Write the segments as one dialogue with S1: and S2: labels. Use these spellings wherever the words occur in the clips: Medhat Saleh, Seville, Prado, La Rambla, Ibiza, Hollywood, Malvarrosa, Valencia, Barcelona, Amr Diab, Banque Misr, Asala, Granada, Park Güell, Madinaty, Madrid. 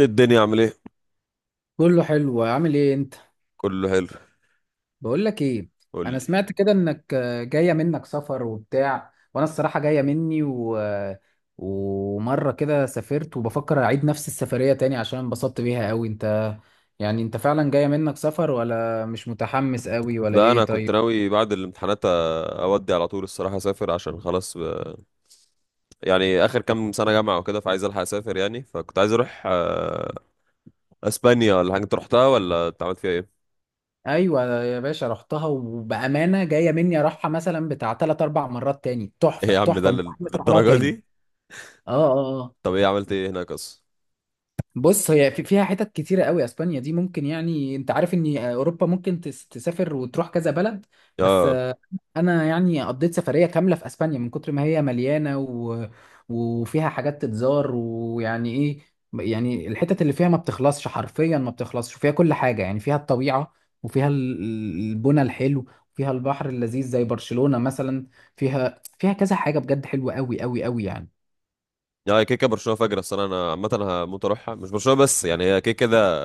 S1: الدنيا عامل ايه؟
S2: كله حلو، عامل ايه انت؟
S1: كله حلو.
S2: بقول لك ايه،
S1: قول
S2: انا
S1: لي.
S2: سمعت كده انك جايه منك سفر وبتاع، وانا الصراحه جايه مني و... آه، ومره كده سافرت وبفكر اعيد نفس السفريه تاني عشان انبسطت بيها قوي. انت يعني انت فعلا جايه منك سفر ولا مش متحمس قوي ولا
S1: ده انا
S2: ايه؟
S1: كنت
S2: طيب.
S1: ناوي بعد الامتحانات اودي على طول الصراحه، اسافر عشان خلاص. يعني اخر كام سنه جامعه وكده، فعايز الحق اسافر يعني. فكنت عايز اروح اسبانيا ولا حاجه. انت رحتها ولا أنت عملت فيها ايه؟
S2: ايوه يا باشا، رحتها وبامانه جايه مني اروحها مثلا بتاع 3 4 مرات تاني،
S1: ايه
S2: تحفه
S1: يا عم، ده
S2: تحفه ومتحمس اروح لها
S1: للدرجه
S2: تاني.
S1: دي؟
S2: اه.
S1: طب ايه، عملت ايه هناك اصلا؟
S2: بص، هي فيها حتت كتيرة قوي، اسبانيا دي ممكن، يعني انت عارف ان اوروبا ممكن تسافر وتروح كذا بلد، بس
S1: اه،
S2: انا يعني قضيت سفرية كاملة في اسبانيا من كتر ما هي مليانة وفيها حاجات تتزار، ويعني ايه، يعني الحتت اللي فيها ما بتخلصش، حرفيا ما بتخلصش، وفيها كل حاجة، يعني فيها الطبيعة وفيها البنى الحلو، فيها البحر اللذيذ زي برشلونة مثلا، فيها كذا حاجة بجد حلوة قوي قوي قوي يعني.
S1: يا كيكه برشلونه فجر السنه انا عامه. هموت اروحها، مش برشلونه بس يعني هي كيكه ده،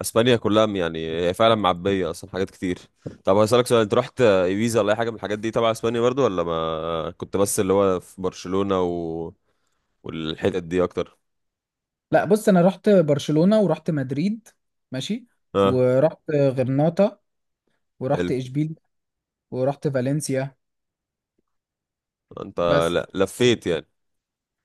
S1: اسبانيا كلها يعني. هي فعلا معبيه اصلا حاجات كتير. طب هسألك سؤال، انت رحت ايبيزا ولا اي حاجه من الحاجات دي تبع اسبانيا برضو، ولا ما كنت بس اللي هو في برشلونه والحتت دي اكتر؟
S2: لا بص، انا رحت برشلونة ورحت مدريد. ماشي.
S1: اه.
S2: ورحت غرناطة ورحت
S1: حلو.
S2: اشبيل ورحت فالنسيا
S1: انت
S2: بس.
S1: لا، لفيت يعني.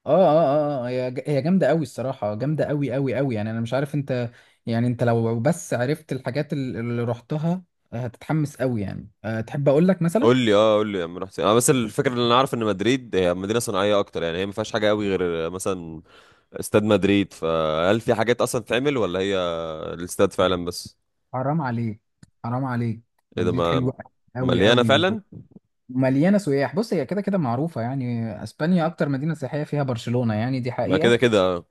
S2: اه، هي جامدة قوي الصراحة، جامدة قوي قوي قوي يعني. انا مش عارف انت، يعني انت لو بس عرفت الحاجات اللي رحتها هتتحمس قوي يعني. أه تحب اقول لك مثلا؟
S1: قول لي، اه، قول لي يا عم رحت فين. انا بس الفكره، اللي انا عارف ان مدريد هي مدينه صناعيه اكتر يعني. هي ما فيهاش حاجه قوي غير مثلا استاد مدريد، فهل في حاجات اصلا تعمل ولا هي الاستاد فعلا بس؟
S2: حرام عليك، حرام عليك،
S1: ايه ده،
S2: مدريد
S1: ما
S2: حلوة قوي
S1: مليانه
S2: قوي،
S1: فعلا؟
S2: ومليانة سياح. بص هي كده كده معروفة، يعني اسبانيا اكتر مدينة سياحية فيها برشلونة، يعني دي
S1: ما كده
S2: حقيقة.
S1: كده آه.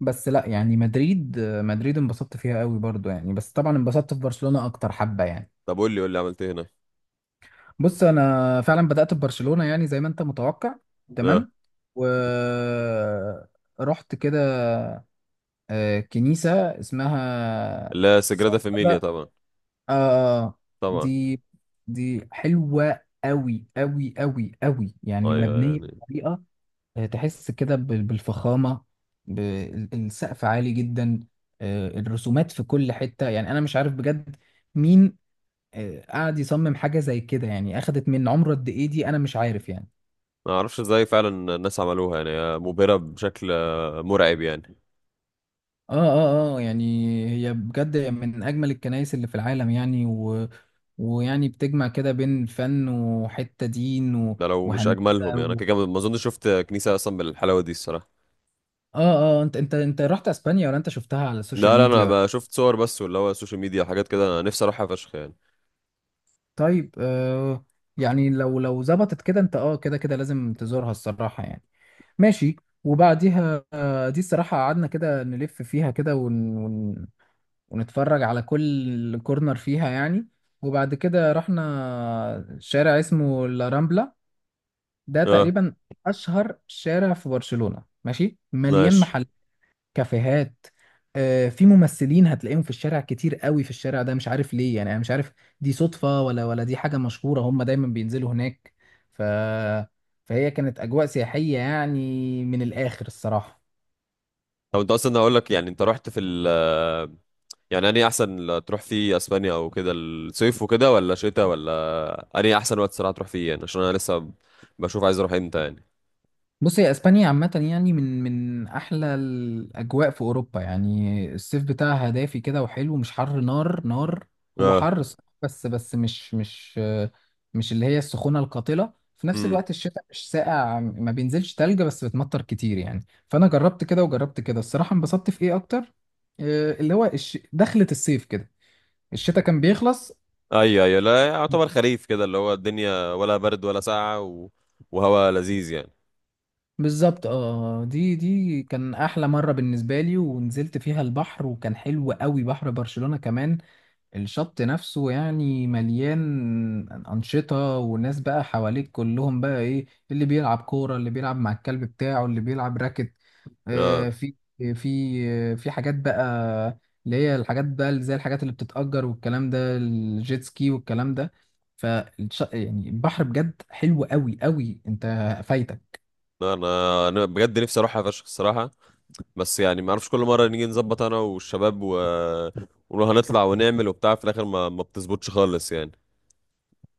S2: بس لا يعني مدريد، مدريد انبسطت فيها قوي برضو يعني، بس طبعا انبسطت في برشلونة اكتر حبة يعني.
S1: طب قول لي، قول لي عملت ايه
S2: بص انا فعلا بدأت ببرشلونة يعني زي ما انت متوقع.
S1: هنا.
S2: تمام. و رحت كده كنيسة اسمها
S1: لا سجرادة
S2: سانتا،
S1: فاميليا طبعا.
S2: آه آه،
S1: طبعا.
S2: دي، دي حلوة قوي قوي قوي قوي يعني،
S1: ايوه
S2: مبنية
S1: يعني.
S2: بطريقة، تحس كده بالفخامة، السقف عالي جدا، الرسومات في كل حتة، يعني أنا مش عارف بجد مين قعد يصمم حاجة زي كده، يعني أخدت من عمره قد إيه دي، أنا مش عارف يعني.
S1: ما اعرفش ازاي فعلا الناس عملوها، يعني هي مبهرة بشكل مرعب يعني.
S2: يعني هي بجد من أجمل الكنائس اللي في العالم يعني، ويعني بتجمع كده بين فن وحتة دين
S1: ده لو مش
S2: وهندسة
S1: اجملهم يعني، انا
S2: و...
S1: كده كده ما اظنش شفت كنيسة اصلا بالحلاوة دي الصراحة.
S2: آه آه أنت رحت أسبانيا ولا أنت شفتها على السوشيال
S1: لا لا، انا
S2: ميديا؟
S1: بقى شفت صور بس، واللي هو السوشيال ميديا حاجات كده، انا نفسي اروحها فشخ يعني.
S2: طيب. يعني لو ظبطت كده انت، اه كده كده لازم تزورها الصراحة يعني. ماشي. وبعديها دي الصراحة قعدنا كده نلف فيها كده ونتفرج على كل كورنر فيها يعني. وبعد كده رحنا شارع اسمه لا رامبلا، ده
S1: اه.
S2: تقريبا أشهر شارع في برشلونة. ماشي. مليان
S1: ماشي.
S2: محلات، كافيهات، في ممثلين هتلاقيهم في الشارع كتير قوي في الشارع ده، مش عارف ليه يعني، انا مش عارف دي صدفة ولا دي حاجة مشهورة هم دايما بينزلوا هناك. ف... فهي كانت أجواء سياحية يعني من الآخر الصراحة.
S1: طب انت اصلا هقول لك، يعني انت رحت في ال يعني انهي احسن تروح فيه اسبانيا، او كده، الصيف وكده ولا شتاء، ولا انهي احسن وقت صراحة تروح فيه يعني؟ عشان انا لسه بشوف عايز اروح امتى يعني.
S2: بص هي اسبانيا عامة يعني من احلى الاجواء في اوروبا يعني، الصيف بتاعها دافي كده وحلو، مش حر نار نار، هو
S1: اه.
S2: حر صح بس مش اللي هي السخونة القاتلة. في نفس الوقت الشتاء مش ساقع، ما بينزلش تلج، بس بتمطر كتير يعني. فانا جربت كده وجربت كده الصراحة، انبسطت في ايه اكتر، اللي هو دخلة الصيف كده، الشتاء كان بيخلص.
S1: ايوه ايوه، لا يعتبر خريف كده، اللي هو الدنيا ولا برد ولا ساقعه وهواء لذيذ يعني.
S2: بالظبط. اه. دي، دي كان احلى مره بالنسبه لي، ونزلت فيها البحر وكان حلو قوي، بحر برشلونه كمان الشط نفسه يعني مليان انشطه، وناس بقى حواليك كلهم بقى، ايه اللي بيلعب كوره، اللي بيلعب مع الكلب بتاعه، اللي بيلعب راكت،
S1: اه.
S2: في في حاجات بقى، اللي هي الحاجات بقى اللي زي الحاجات اللي بتتأجر والكلام ده، الجيت سكي والكلام ده، فالش. يعني البحر بجد حلو قوي قوي. انت فايتك.
S1: لا، انا بجد نفسي اروحها فشخ الصراحه. بس يعني ما اعرفش، كل مره نيجي نظبط انا والشباب ونروح، هنطلع ونعمل وبتاع، في الاخر ما بتظبطش خالص يعني.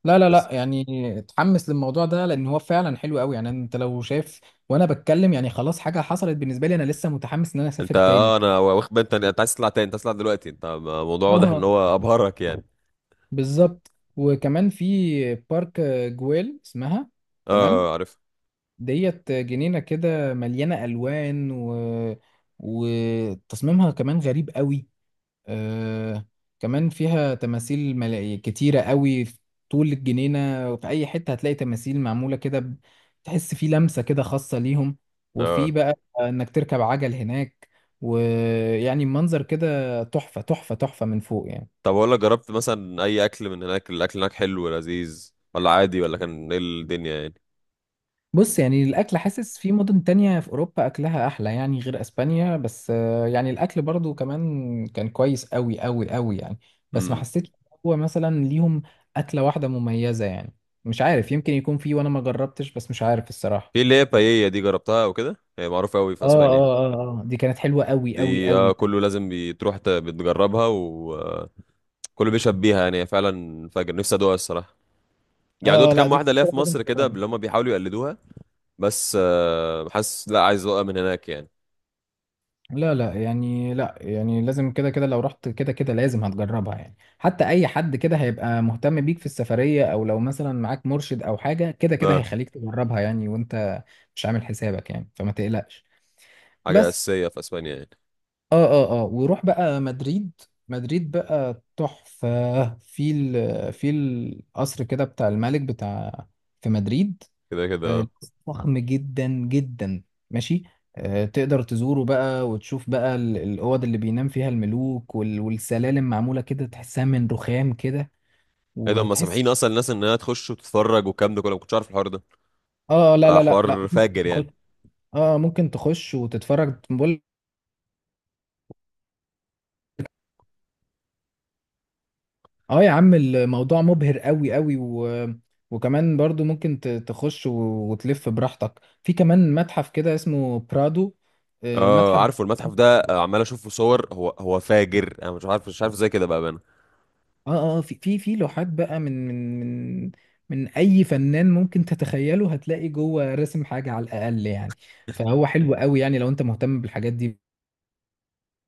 S2: لا لا لا
S1: بس.
S2: يعني، اتحمس للموضوع ده لان هو فعلا حلو قوي يعني. انت لو شايف وانا بتكلم يعني خلاص حاجه حصلت بالنسبه لي، انا لسه متحمس ان انا
S1: انت
S2: اسافر
S1: اه،
S2: تاني.
S1: انا واخد بالي، انت عايز تطلع تاني، انت عايز تطلع دلوقتي. انت الموضوع واضح ان
S2: اه
S1: هو ابهرك يعني.
S2: بالظبط. وكمان في بارك جويل اسمها.
S1: اه.
S2: تمام.
S1: عارف.
S2: ديت جنينه كده مليانه الوان وتصميمها كمان غريب قوي آه كمان فيها تماثيل، ملاهي كتيرة قوي في طول الجنينة، وفي أي حتة هتلاقي تماثيل معمولة كده تحس في لمسة كده خاصة ليهم. وفي
S1: اه.
S2: بقى إنك تركب عجل هناك ويعني منظر كده تحفة تحفة تحفة من فوق يعني.
S1: طب اقول لك، جربت مثلا اي اكل من هناك؟ الاكل هناك حلو ولذيذ، ولا عادي، ولا كان ايه الدنيا
S2: بص يعني الأكل، حاسس في مدن تانية في أوروبا أكلها أحلى يعني غير أسبانيا، بس يعني الأكل برضو كمان كان كويس أوي أوي أوي يعني. بس ما
S1: يعني؟
S2: حسيتش هو مثلا ليهم أكلة واحدة مميزة يعني، مش عارف، يمكن يكون في وأنا ما جربتش، بس مش عارف
S1: في
S2: الصراحة.
S1: اللي هي بايية دي، جربتها او كده؟ هي معروفة قوي في
S2: اه
S1: اسبانيا
S2: اه اه اه دي كانت حلوة أوي أوي
S1: دي.
S2: أوي.
S1: كله لازم بتروح بتجربها، وكله بيشهد بيها يعني. هي فعلا فجر نفسي ادوقها الصراحة يعني. دوت
S2: اه، لا
S1: كام
S2: دي
S1: واحدة
S2: كنت
S1: ليا في
S2: لازم
S1: مصر كده
S2: تجربها.
S1: اللي هم بيحاولوا يقلدوها بس. حاسس لا، عايز ادوقها من هناك يعني.
S2: لا لا يعني، لا يعني لازم كده كده، لو رحت كده كده لازم هتجربها يعني، حتى اي حد كده هيبقى مهتم بيك في السفرية، او لو مثلا معاك مرشد او حاجة، كده كده
S1: اه.
S2: هيخليك تجربها يعني، وانت مش عامل حسابك يعني، فما تقلقش.
S1: حاجة
S2: بس.
S1: أساسية في اسبانيا يعني.
S2: اه، وروح بقى مدريد. مدريد بقى تحفة، في ال، في القصر كده بتاع الملك بتاع في مدريد،
S1: كده كده.
S2: آه،
S1: اه.
S2: فخم جدا جدا. ماشي. تقدر تزوره بقى وتشوف بقى الأوض اللي بينام فيها الملوك والسلالم معمولة كده، تحسها من رخام كده،
S1: ايه ده، هم
S2: وتحس.
S1: سامحين اصلا الناس انها تخش وتتفرج والكلام ده كله؟ ما كنتش عارف الحوار ده.
S2: اه، لا لا لا لا
S1: حوار
S2: ممكن
S1: فاجر يعني.
S2: تخش. اه ممكن تخش وتتفرج بقول. اه يا عم الموضوع مبهر قوي قوي، وكمان برضو ممكن تخش وتلف براحتك في كمان متحف كده اسمه برادو،
S1: اه.
S2: المتحف.
S1: عارفه المتحف ده، عمال اشوف في صور. هو هو فاجر، انا مش عارف، مش عارف ازاي كده بقى.
S2: اه في في لوحات بقى من من اي فنان ممكن تتخيله، هتلاقي جوه رسم حاجه على الاقل يعني، فهو حلو قوي يعني لو انت مهتم بالحاجات دي.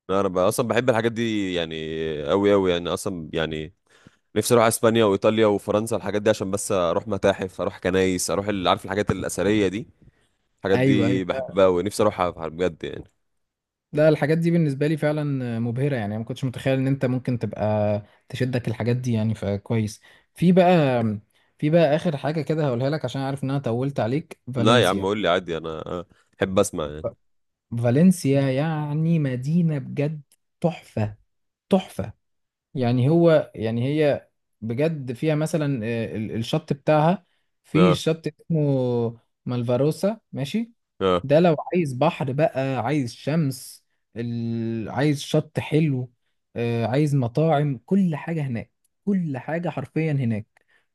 S1: لا، انا بقى اصلا بحب الحاجات دي يعني، قوي قوي يعني اصلا يعني. نفسي اروح اسبانيا وايطاليا وفرنسا، الحاجات دي عشان بس اروح متاحف، اروح كنايس، اروح عارف الحاجات الاثريه دي. الحاجات
S2: ايوه ايوه.
S1: دي بحبها ونفسي اروحها بجد يعني.
S2: لا لا، الحاجات دي بالنسبه لي فعلا مبهره يعني، ما كنتش متخيل ان انت ممكن تبقى تشدك الحاجات دي يعني، فكويس. في بقى، في بقى اخر حاجه كده هقولها لك عشان عارف ان انا طولت عليك،
S1: لا يا عم،
S2: فالنسيا.
S1: قول لي عادي، انا احب اسمع يعني.
S2: ف- فالنسيا يعني مدينه بجد تحفه تحفه، يعني هو يعني هي بجد فيها مثلا الشط بتاعها، في
S1: اه
S2: شط اسمه مالفاروسا. ماشي.
S1: اه.
S2: ده لو عايز بحر بقى، عايز شمس، عايز شط حلو، عايز مطاعم، كل حاجة هناك، كل حاجة حرفيا هناك.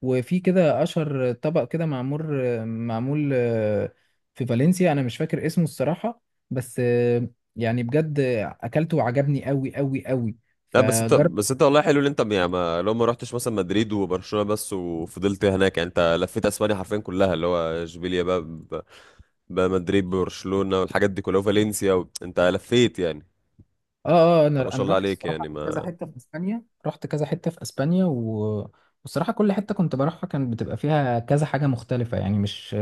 S2: وفي كده أشهر طبق كده معمول، معمول في فالنسيا، أنا مش فاكر اسمه الصراحة، بس يعني بجد أكلته وعجبني أوي أوي أوي،
S1: لا بس انت،
S2: فجرب.
S1: بس انت والله حلو ان انت يعني، ما لو ما رحتش مثلا مدريد وبرشلونه بس وفضلت هناك يعني، انت لفيت اسبانيا حرفيا كلها، اللي هو اشبيليا بقى بقى، مدريد، برشلونه والحاجات دي كلها، وفالنسيا انت لفيت يعني.
S2: اه اه.
S1: طب ما
S2: انا
S1: شاء
S2: انا
S1: الله
S2: رحت
S1: عليك يعني،
S2: الصراحه كذا
S1: ما.
S2: حته في اسبانيا، رحت كذا حته في اسبانيا والصراحه كل حته كنت بروحها كان بتبقى فيها كذا حاجه مختلفه يعني، مش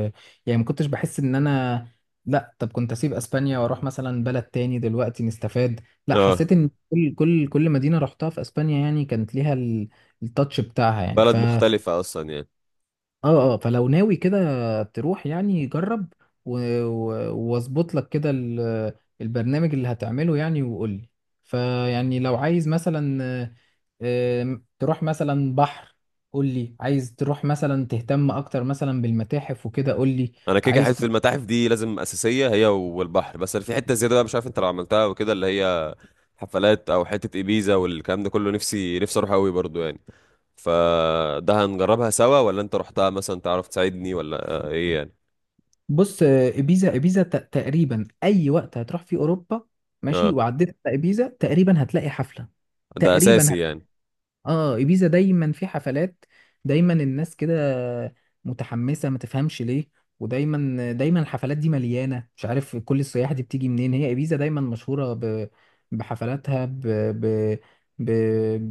S2: يعني ما كنتش بحس ان انا، لا طب كنت اسيب اسبانيا واروح مثلا بلد تاني دلوقتي نستفاد. لا
S1: اه.
S2: حسيت ان كل مدينه رحتها في اسبانيا يعني كانت ليها التاتش بتاعها يعني.
S1: بلد مختلفة أصلا يعني.
S2: اه اه. فلو ناوي كده تروح، يعني جرب واظبط لك كده البرنامج اللي هتعمله يعني، وقول لي. فيعني لو عايز مثلا آه، آم، تروح مثلا بحر، قول لي. عايز تروح مثلا تهتم اكتر مثلا بالمتاحف وكده، قول لي.
S1: أنا كده كده
S2: عايز
S1: حتة المتاحف دي لازم أساسية، هي والبحر. بس أنا في حتة زيادة بقى، مش عارف أنت لو عملتها وكده، اللي هي حفلات أو حتة إبيزا والكلام ده كله، نفسي نفسي أروح أوي برضو يعني. فده هنجربها سوا، ولا أنت رحتها مثلا تعرف تساعدني، ولا آه إيه يعني؟
S2: بص ابيزا، تقريبا اي وقت هتروح في اوروبا. ماشي.
S1: اه.
S2: وعديت على ابيزا تقريبا هتلاقي حفلة،
S1: ده
S2: تقريبا.
S1: أساسي يعني.
S2: اه، ايبيزا دايما في حفلات، دايما الناس كده متحمسه، ما تفهمش ليه، ودايما دايما الحفلات دي مليانه، مش عارف كل السياح دي بتيجي منين، هي ايبيزا دايما مشهوره بحفلاتها، ب...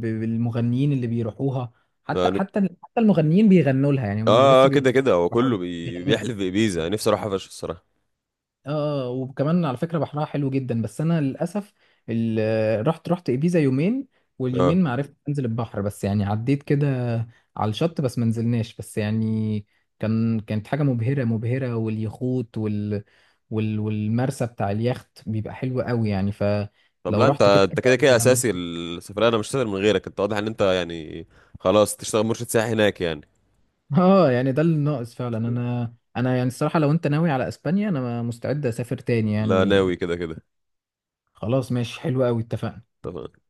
S2: بالمغنيين اللي بيروحوها، حتى
S1: آه ن-
S2: حتى حتى المغنيين بيغنوا لها يعني، مش بس
S1: كده
S2: بيروحوا،
S1: كده هو
S2: بيروحوا
S1: كله
S2: لها، بيغنوا لها.
S1: بيحلف بإبيزا. نفسي أروحها فشخ الصراحة.
S2: اه وكمان على فكرة بحرها حلو جدا، بس انا للاسف رحت ابيزا يومين،
S1: اه.
S2: واليومين ما عرفتش انزل البحر، بس يعني عديت كده على الشط بس، ما نزلناش بس يعني، كان، كانت حاجة مبهرة مبهرة، واليخوت والمرسى بتاع اليخت بيبقى حلو قوي يعني،
S1: طب
S2: فلو
S1: لا انت،
S2: رحت كده
S1: انت
S2: كده
S1: كده كده اساسي السفريه، انا مش هسافر من غيرك. انت واضح ان انت يعني خلاص تشتغل مرشد سياحي هناك يعني.
S2: اه يعني ده اللي ناقص فعلا. انا يعني الصراحة لو انت ناوي على اسبانيا انا مستعد اسافر تاني
S1: لا،
S2: يعني.
S1: ناوي كده كده.
S2: خلاص ماشي، حلو قوي، اتفقنا.
S1: طبعا.